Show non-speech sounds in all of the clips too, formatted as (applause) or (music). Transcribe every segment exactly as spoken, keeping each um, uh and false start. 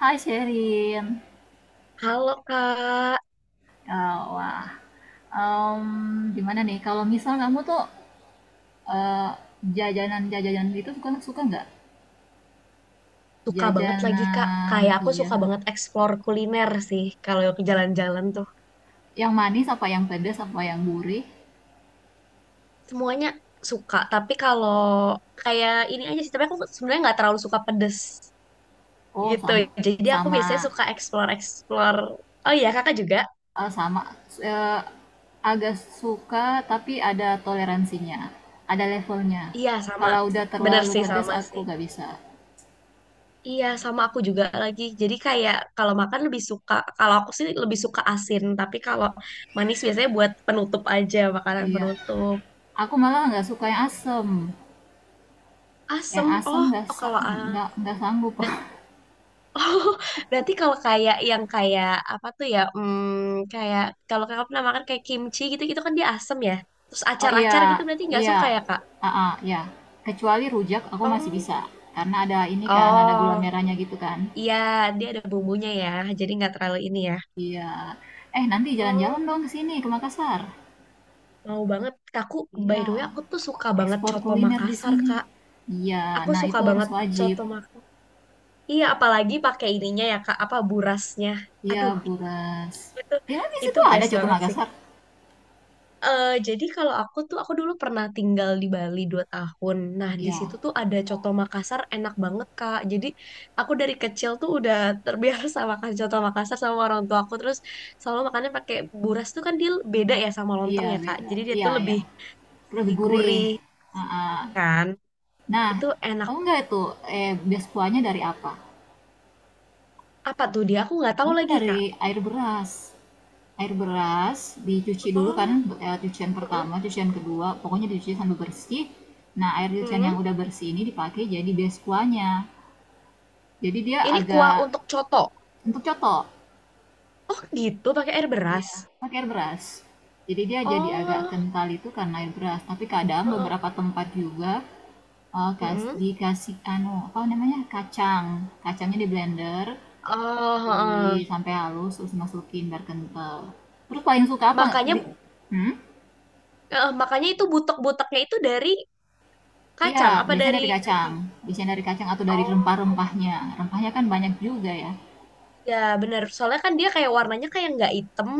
Hai Sherin, Halo Kak, Eh, wah, em, gimana nih kalau misal kamu tuh eh, jajanan-jajanan itu suka suka nggak? suka banget lagi Kak. Jajanan, Kayak aku iya, suka banget explore kuliner sih kalau ke jalan-jalan tuh. yang manis apa yang pedas apa yang gurih? Semuanya suka, tapi kalau kayak ini aja sih, tapi aku sebenarnya nggak terlalu suka pedes Oh gitu. sama Jadi aku sama biasanya suka explore-explore. Oh iya, Kakak juga? eh, sama eh, agak suka, tapi ada toleransinya, ada levelnya. Iya, sama. Kalau udah Bener terlalu sih, pedas sama aku sih. nggak bisa. Iya, sama aku juga lagi. Jadi kayak kalau makan lebih suka, kalau aku sih lebih suka asin, tapi kalau manis biasanya buat penutup aja, makanan Iya, penutup. aku malah nggak suka yang asem, yang Asem, oh, asem nggak oh sa- kalau ah, nggak nggak sanggup. Ber- (laughs) Oh, berarti kalau kayak yang kayak apa tuh ya? Hmm, kayak kalau kakak pernah makan kayak kimchi gitu, gitu kan dia asem ya. Terus Oh, acar-acar gitu iya, berarti nggak iya, suka ya kak? ah, ah, iya. Kecuali rujak aku masih Oh, bisa, karena ada ini kan, ada oh, gula merahnya gitu kan. iya dia ada bumbunya ya, jadi nggak terlalu ini ya. Iya. Eh, nanti jalan-jalan Oh, dong ke sini, ke Makassar. mau banget. Aku by Iya, the way aku tuh suka banget ekspor coto kuliner di Makassar sini. kak. Iya, Aku nah suka itu harus banget wajib. coto Makassar. Iya, apalagi pakai ininya ya kak, apa burasnya. Iya, Aduh, Buras. itu Emang di itu situ ada best coto banget sih. Makassar? eh jadi kalau aku tuh, aku dulu pernah tinggal di Bali dua tahun. Nah, di situ Iya, tuh ada coto Makassar enak banget, Kak. Jadi, aku dari kecil tuh udah terbiasa (laughs) makan coto Makassar sama orang tua aku. Terus selalu makannya pakai buras tuh kan dia beda ya sama lontong iya ya, Kak. beda. Jadi dia Iya, tuh iya. lebih Lebih gurih. gurih Heeh. kan. Nah, Itu enak. oh enggak itu, eh, bias kuahnya dari apa? Apa tuh dia? Aku nggak tahu Itu lagi, dari Kak. air beras. Air beras dicuci dulu kan, Oh, eh, cucian heeh. pertama, cucian kedua, pokoknya dicuci sampai bersih. Nah, air cucian yang Mhm. udah bersih ini dipakai jadi beskuanya. Jadi dia Ini kuah agak untuk coto. untuk coto. Oh, gitu pakai air beras. Iya, pakai air beras. Jadi dia jadi agak Oh, kental itu karena air beras, tapi kadang heeh. beberapa tempat juga, eee, kas Mhm. dikasih anu, apa namanya, kacang. Kacangnya di-blender Oh, heeh. di sampai halus, terus masukin biar kental. Terus paling suka apa? Nggak? Makanya Di- Hmm? eh, makanya itu butek-buteknya itu dari Iya, kacang apa biasanya dari dari kacang. daging? Biasanya dari kacang atau dari Oh, rempah-rempahnya. Rempahnya kan banyak juga ya. ya benar. Soalnya kan dia kayak warnanya kayak nggak hitam,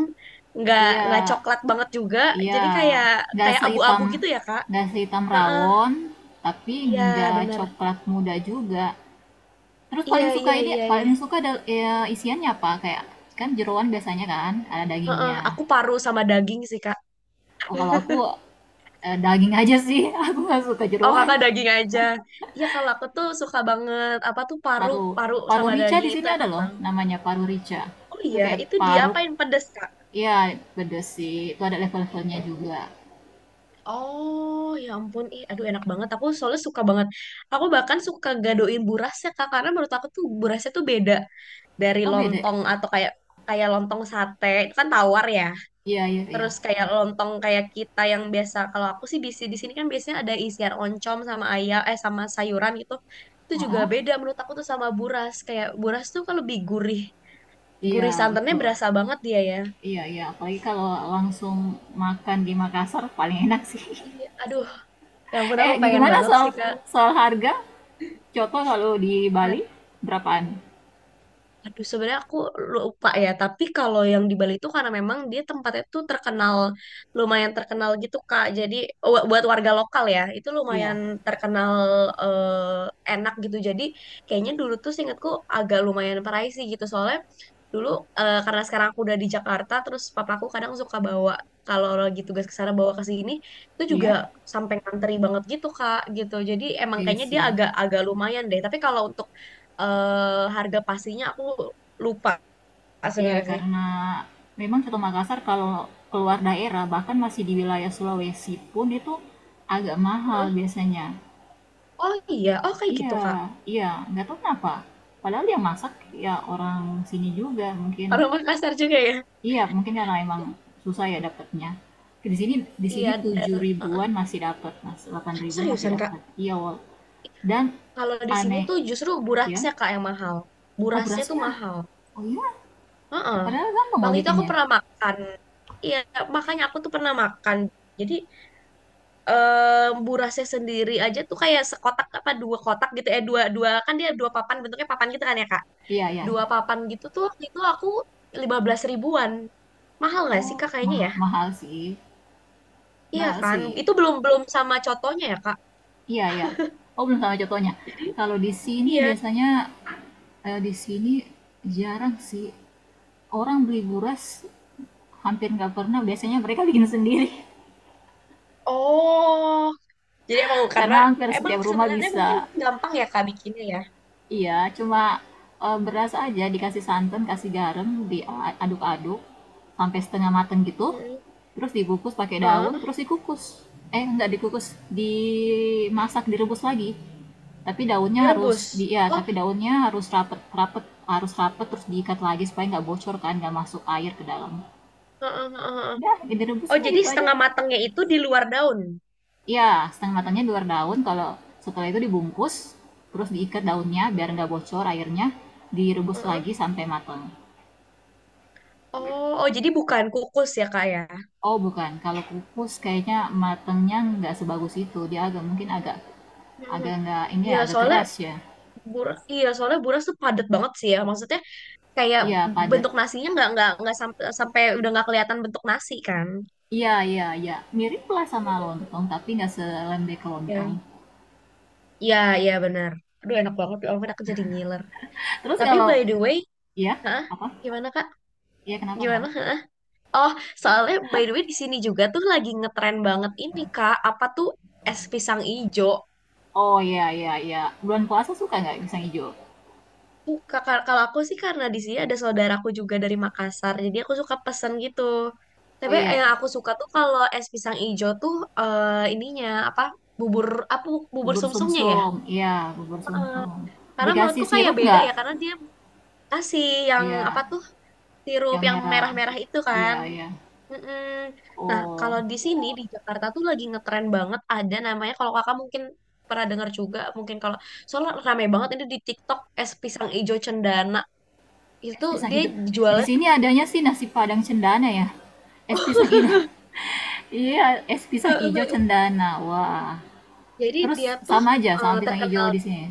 nggak nggak Iya, coklat banget juga. iya. Jadi kayak Nggak kayak abu-abu sehitam, gitu ya, Kak. nggak sehitam Heeh. rawon, tapi Iya, nggak benar. coklat muda juga. Terus Iya, paling suka iya, ini, iya, iya. paling suka ada ya, isiannya apa? Kayak kan jeroan biasanya kan ada Heeh, dagingnya. aku paru sama daging sih, Kak. Oh, kalau aku eh, daging aja sih, (laughs) aku nggak suka Oh, jeroan. Kakak daging aja. Iya, kalau aku tuh suka banget apa tuh paru, Paru paru paru sama rica di daging itu sini ada enak loh, banget. namanya paru rica. Oh Itu iya, kayak itu paru diapain pedes, Kak? ya beda sih. Itu ada level-levelnya juga. Oh, ya ampun. Ih, aduh enak banget. Aku soalnya suka banget. Aku bahkan suka gadoin burasnya, Kak. Karena menurut aku tuh burasnya tuh beda dari Oh, beda. lontong atau kayak kayak lontong sate. Itu kan tawar ya. Iya, iya, iya. Terus kayak lontong kayak kita yang biasa. Kalau aku sih bisi di sini kan biasanya ada isian oncom sama ayam, eh sama sayuran gitu. Itu juga Heeh. beda menurut aku tuh sama buras. Kayak buras tuh kan lebih gurih. Gurih Iya, santannya betul. berasa banget dia ya. Iya, iya, apalagi kalau langsung makan di Makassar paling enak sih. (laughs) Iya, aduh. Ya ampun Eh, aku pengen gimana banget soal sih, Kak. soal harga? Contoh kalau di Bali berapaan? Aduh, sebenarnya aku lupa ya, tapi kalau yang di Bali itu karena memang dia tempatnya tuh terkenal, lumayan terkenal gitu, Kak. Jadi wa- buat warga lokal ya, itu lumayan Iya. terkenal eh, enak gitu. Jadi kayaknya dulu tuh seingatku agak lumayan pricey gitu, soalnya dulu eh, karena sekarang aku udah di Jakarta, terus papaku kadang suka bawa kalau lagi tugas ke sana bawa ke sini, itu juga Iya. sampai nganteri banget gitu, Kak, gitu. Jadi emang Iya kayaknya dia sih. agak agak lumayan deh. Tapi kalau untuk eh harga pastinya aku lupa Iya, sebenarnya sih. karena memang Soto Makassar kalau keluar daerah, bahkan masih di wilayah Sulawesi pun itu agak mahal Heeh. biasanya. Oh iya, oh kayak Iya, gitu Kak. iya, nggak tahu kenapa. Padahal yang masak ya orang sini juga mungkin. Orang Makassar juga ya. Iya, mungkin karena emang susah ya dapatnya. Di sini di Iya, sini dan tujuh heeh. ribuan masih dapat, Mas. Delapan ribuan masih Seriusan Kak, dapat. Iya, Wol. Dan kalau di sini aneh tuh justru ya. burasnya Kak yang mahal. Oh, Burasnya tuh berasnya. mahal. Oh iya, Heeh. padahal gampang loh Waktu itu aku bikinnya. pernah makan. Iya, makanya aku tuh pernah makan. Jadi eh burasnya sendiri aja tuh kayak sekotak apa dua kotak gitu ya dua dua kan dia dua papan bentuknya papan gitu kan ya Kak. Iya, iya, Dua iya. papan gitu tuh waktu itu aku lima belas ribuan. Mahal nggak sih Oh, Kak kayaknya ma ya? mahal sih, Iya mahal kan? sih. Itu belum belum sama contohnya ya Kak? Iya, iya. Oh, belum sama contohnya. Kalau di sini Iya. biasanya, eee, di sini jarang sih orang beli buras, hampir nggak pernah, biasanya mereka bikin sendiri. (laughs) Oh, jadi emang karena Karena hampir emang setiap rumah sebenarnya mungkin bisa. gampang ya Kak bikinnya ya. Iya, cuma, eee, beras aja dikasih santan, kasih garam, diaduk aduk sampai setengah mateng gitu, Mm-mm. terus dibungkus pakai daun, Heeh. terus dikukus. Eh, nggak dikukus, dimasak, direbus lagi. Tapi daunnya harus di Direbus. iya, Oh, tapi daunnya harus rapet rapet harus rapet, terus diikat lagi supaya nggak bocor kan, nggak masuk air ke dalam. heeh, heeh, heeh. Udah, Oh, direbusnya jadi gitu aja. setengah matangnya itu di luar daun. Iya, setengah matangnya di luar daun. Kalau setelah itu dibungkus, terus diikat daunnya biar Heeh, nggak bocor airnya. Direbus lagi heeh. sampai matang. Oh, oh jadi bukan kukus ya Kak ya? Oh bukan, kalau kukus kayaknya matangnya nggak sebagus itu. Dia agak mungkin agak Mhm. agak nggak ini Iya, ya, agak soalnya keras ya. buras, iya soalnya buras tuh padat banget sih ya. Maksudnya kayak Iya padat. bentuk nasinya nggak nggak nggak sampai sampai udah nggak kelihatan bentuk nasi kan? Iya, iya, iya, mirip lah sama Mhm. lontong, tapi nggak selembek lontong. Iya. Iya, iya benar. Aduh enak banget ya, ampun aku jadi ngiler. Terus Tapi kalau by the way, iya hah? apa? Gimana Kak? Iya, kenapa, Gimana? kenapa? Hah? Oh, soalnya by the way di sini juga tuh lagi ngetren banget ini Kak, apa tuh es pisang ijo. Oh iya, iya, iya, bulan puasa suka nggak pisang hijau? Tuh, Kak, kal- kalau aku sih karena di sini ada saudaraku juga dari Makassar, jadi aku suka pesen gitu. Oh Tapi iya. yang aku suka tuh kalau es pisang ijo tuh eh, ininya apa? Bubur apa bubur Bubur sumsumnya ya? sumsum, iya bubur sumsum. Karena Dikasih menurutku kayak sirup beda nggak? ya karena dia kasih yang apa Iya, tuh sirup yang yang merah. merah-merah itu Iya, kan. iya. Mm-mm. Nah, Oh, kalau di sini di Jakarta tuh lagi ngetren banget ada namanya kalau kakak mungkin pernah dengar juga mungkin kalau soalnya rame banget ini di TikTok es pisang ijo cendana es itu pisang dia hijau. Di jualnya tuh sini adanya sih nasi Padang cendana ya. Es pisang hijau, (laughs) iya, es pisang hijau (laughs) cendana. Wah. jadi Terus dia tuh sama aja sama eh, pisang hijau terkenal di sini.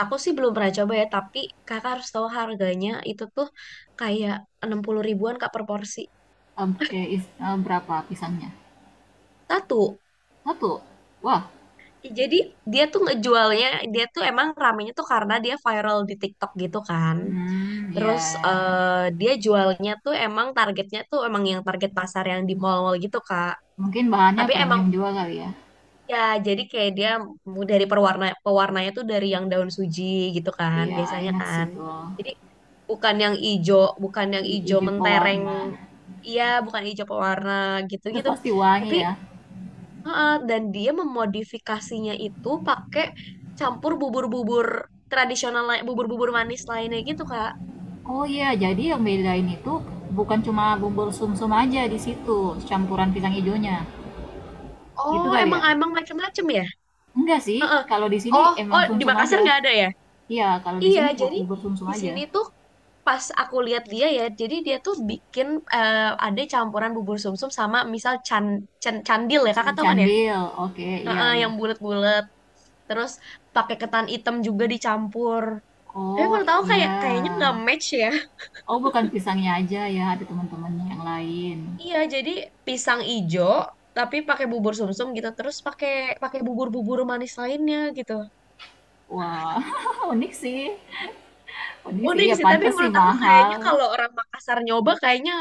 aku sih belum pernah coba ya tapi kakak harus tahu harganya itu tuh kayak enam puluh ribuan kak per porsi Em, eh, is- eh, berapa pisangnya? satu. Satu. Wah. Jadi dia tuh ngejualnya, dia tuh emang ramenya tuh karena dia viral di TikTok gitu kan. Hmm, iya. Terus eh, dia jualnya tuh emang targetnya tuh emang yang target pasar yang di mall-mall gitu Kak. Mungkin bahannya Tapi emang premium juga kali ya. ya jadi kayak dia mu- dari pewarna pewarnanya tuh dari yang daun suji gitu kan Iya, biasanya enak sih kan. tuh. Jadi bukan yang ijo, bukan yang ijo Hijau mentereng. pewarna. Iya, bukan ijo pewarna Terus gitu-gitu. pasti wangi Tapi ya. Heeh, dan dia memodifikasinya itu pakai campur bubur-bubur tradisional, lai- bubur-bubur manis lainnya gitu, Kak. Oh iya, jadi yang bedain itu bukan cuma bubur sumsum aja di situ, campuran pisang hijaunya. Gitu Oh, kali emang ya? emang macam-macam ya? Enggak sih, Heeh. kalau di sini Oh, oh emang di sumsum Makassar aja. nggak ada ya? Iya, kalau di Iya, sini bu- jadi bubur sumsum di aja. sini tuh pas aku lihat dia ya, jadi dia tuh bikin eh, ada campuran bubur sumsum sama misal can, can- candil ya, Can- Kakak can- tahu kan ya? Candil, oke, iya Heeh, iya. yang bulat-bulat. Terus pakai ketan hitam juga dicampur. Tapi Oh menurut aku kayak iya. kayaknya nggak match ya. Oh bukan pisangnya aja ya, ada teman-temannya yang lain. Iya, jadi pisang ijo tapi pakai bubur sumsum gitu, terus pakai pakai bubur-bubur manis lainnya gitu. Wah, (laughs) unik sih. Unik sih, Unik ya sih, tapi pantas sih menurut aku kayaknya mahal. kalau orang Makassar nyoba kayaknya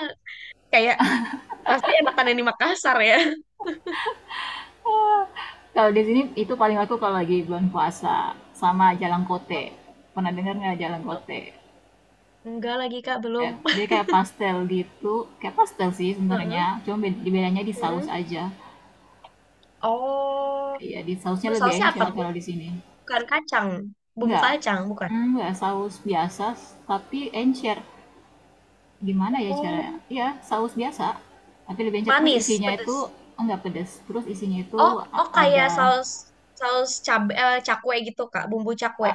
kayak pasti enakan yang di Makassar ya. Kalau di sini itu paling aku kalau lagi bulan puasa sama jalan kote. Pernah dengar nggak jalan kote? Enggak lagi Kak, belum. Kayak dia kayak pastel gitu, kayak pastel sih (laughs) sebenarnya. Heeh, Cuma bed- bedanya di saus heeh. aja. Oh, Iya, di sausnya terus lebih sausnya apa? encer kalau di sini. Bukan kacang, bumbu Enggak, kacang, bukan. enggak saus biasa, tapi encer. Gimana ya Oh, caranya? Iya, saus biasa, tapi lebih encer. Terus manis, isinya itu pedes. enggak pedes. Terus isinya itu Oh, a- oh kayak ada saus saus cabe, eh, cakwe gitu Kak, bumbu cakwe.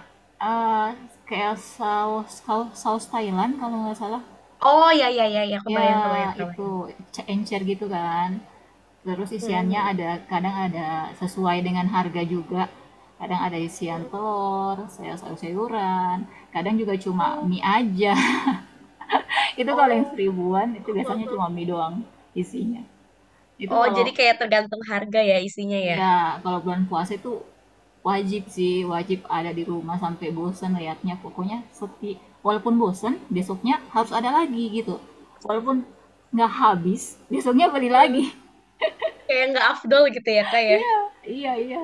eh, kayak saus saus saus Thailand kalau nggak salah. Oh ya ya ya ya, Ya, kebayang kebayang kebayang. itu c- encer gitu kan. Terus isiannya Mhm. ada, kadang ada sesuai dengan harga juga. Kadang ada isian Mhm. telur, sayur sayur-sayuran, kadang juga cuma Oh, mie aja. (laughs) Itu kalau yang oh, seribuan itu biasanya (laughs) cuma mie doang isinya. Itu oh, jadi kalau kayak tergantung harga ya isinya ya. ya kalau bulan puasa itu wajib sih, wajib ada di rumah sampai bosan liatnya. Pokoknya sepi. Walaupun bosan, besoknya harus ada lagi gitu. Walaupun nggak habis, (laughs) besoknya beli lagi. Eh, (laughs) Kayak nggak afdol gitu ya kak ya. Iya, iya, iya.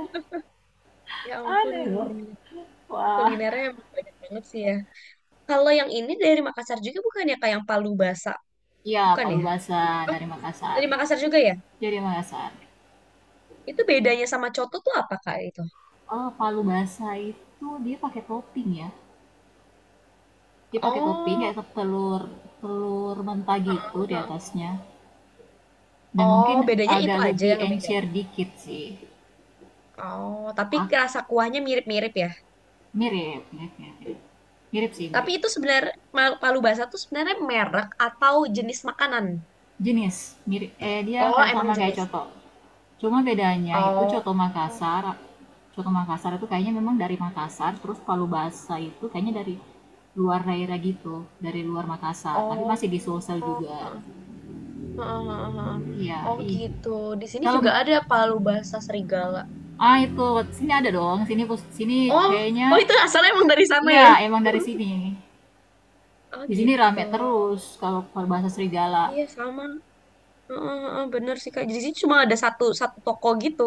Ya ampun, Aneh loh. ngeri. Wah. Kulinernya emang banyak banget sih ya. Kalau yang ini dari Makassar juga bukan ya kak yang Palu Basa, Iya, bukan palu ya? basah dari Makassar. Dari Makassar juga ya? Jadi Makassar. Itu bedanya sama Coto tuh apa kak itu? Oh, palu basah itu dia pakai topping ya. Dia pakai topping Oh, kayak telur telur mentah gitu di aha. atasnya. Dan Oh, mungkin bedanya itu agak aja lebih yang encer ngebedain. dikit sih. Oh, tapi Ah, rasa kuahnya mirip-mirip ya. mirip, mirip, mirip, mirip sih, Tapi mirip. itu sebenarnya Palu Basa tuh sebenarnya merek atau jenis makanan? Jenis, mirip. Eh, dia Oh, kayak sama emang kayak jenis. coto. Cuma bedanya itu Oh, coto Makassar, coto Makassar itu kayaknya memang dari Makassar, terus palu Basa itu kayaknya dari luar daerah gitu, dari luar Makassar. Tapi masih di oh, Sulsel Heeh, juga. heeh, heeh, heeh. Iya, Oh ih. gitu. Di sini Kalau juga ada palu bahasa serigala. ah itu sini ada dong, sini sini Oh, oh kayaknya itu asalnya emang dari sana iya ya? emang dari sini. Oh Di sini gitu. rame terus kalau berbahasa serigala. Iya sama. Heeh, heeh, bener sih Kak. Jadi di sini cuma ada satu satu toko gitu.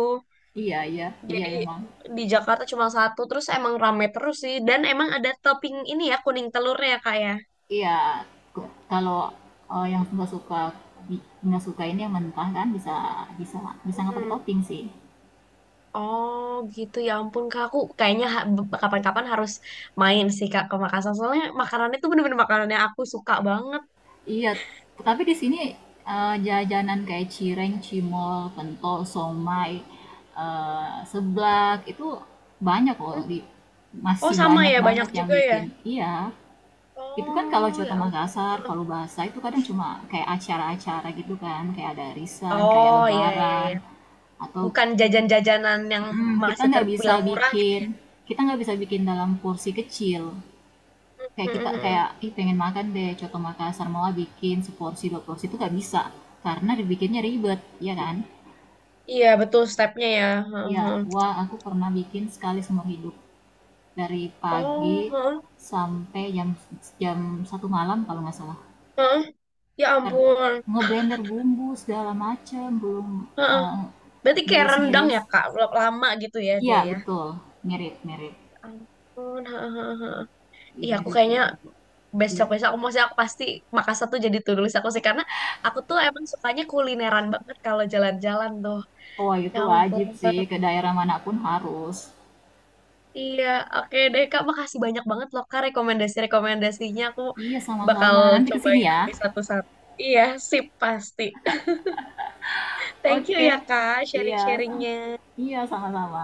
Iya, iya, iya Jadi emang. di Jakarta cuma satu. Terus emang rame terus sih. Dan emang ada topping ini ya kuning telurnya ya Kak ya. Iya, kalau eh, yang nggak suka nggak suka ini yang mentah kan bisa bisa bisa nggak pakai Mm. topping sih. Oh gitu ya ampun kak aku kayaknya ha- be- kapan-kapan harus main sih kak ke Makassar soalnya makanannya tuh bener-bener makanannya aku suka banget. Iya, tapi di sini eh, jajanan kayak cireng, cimol, pentol, somai, eh, seblak itu banyak loh Hmm. di Oh masih sama banyak ya banyak banget yang juga ya. bikin. Iya. Itu kan kalau Oh Jawa ke ya ampun. Makassar, Palu Bahasa itu kadang cuma kayak acara-acara gitu kan, kayak ada arisan, kayak Oh ya ya lebaran, ya. atau Bukan jajan-jajanan yang mhm, kita masih nggak bisa terbilang murah gitu. bikin kita nggak bisa bikin dalam porsi kecil. Kayak Hmm, kita hmm, hmm. kayak, ih pengen makan deh coto Makassar, mau ah bikin seporsi dua porsi itu nggak bisa, karena dibikinnya ribet, ya kan? Iya betul stepnya ya. Hmm, Iya, hmm, hmm. wah aku pernah bikin sekali seumur hidup, dari pagi Oh hmm, sampai jam jam satu malam kalau nggak salah. hmm. Ya Ntar ampun. ngeblender bumbu segala macem, belum, Heeh. eh, Berarti kayak rendang miris-miris. Ngiris, ya Kak, lama gitu ya iya dia ya. betul, mirip-mirip, Ya ampun. Heeh. Iya, aku mirip kayaknya sih. Ya. besok-besok aku maksudnya aku pasti Makassar tuh jadi to do list aku sih karena aku tuh emang sukanya kulineran banget kalau jalan-jalan tuh. Oh Ya itu ampun. wajib sih, ke daerah mana pun harus. Iya, oke deh Kak, makasih banyak banget loh Kak rekomendasi-rekomendasinya. Aku Iya bakal sama-sama, nanti ke sini cobain ya. nanti satu-satu. Iya, sip pasti. (laughs) Thank you Oke. ya Kak Iya, sam sharing-sharingnya. iya sama-sama.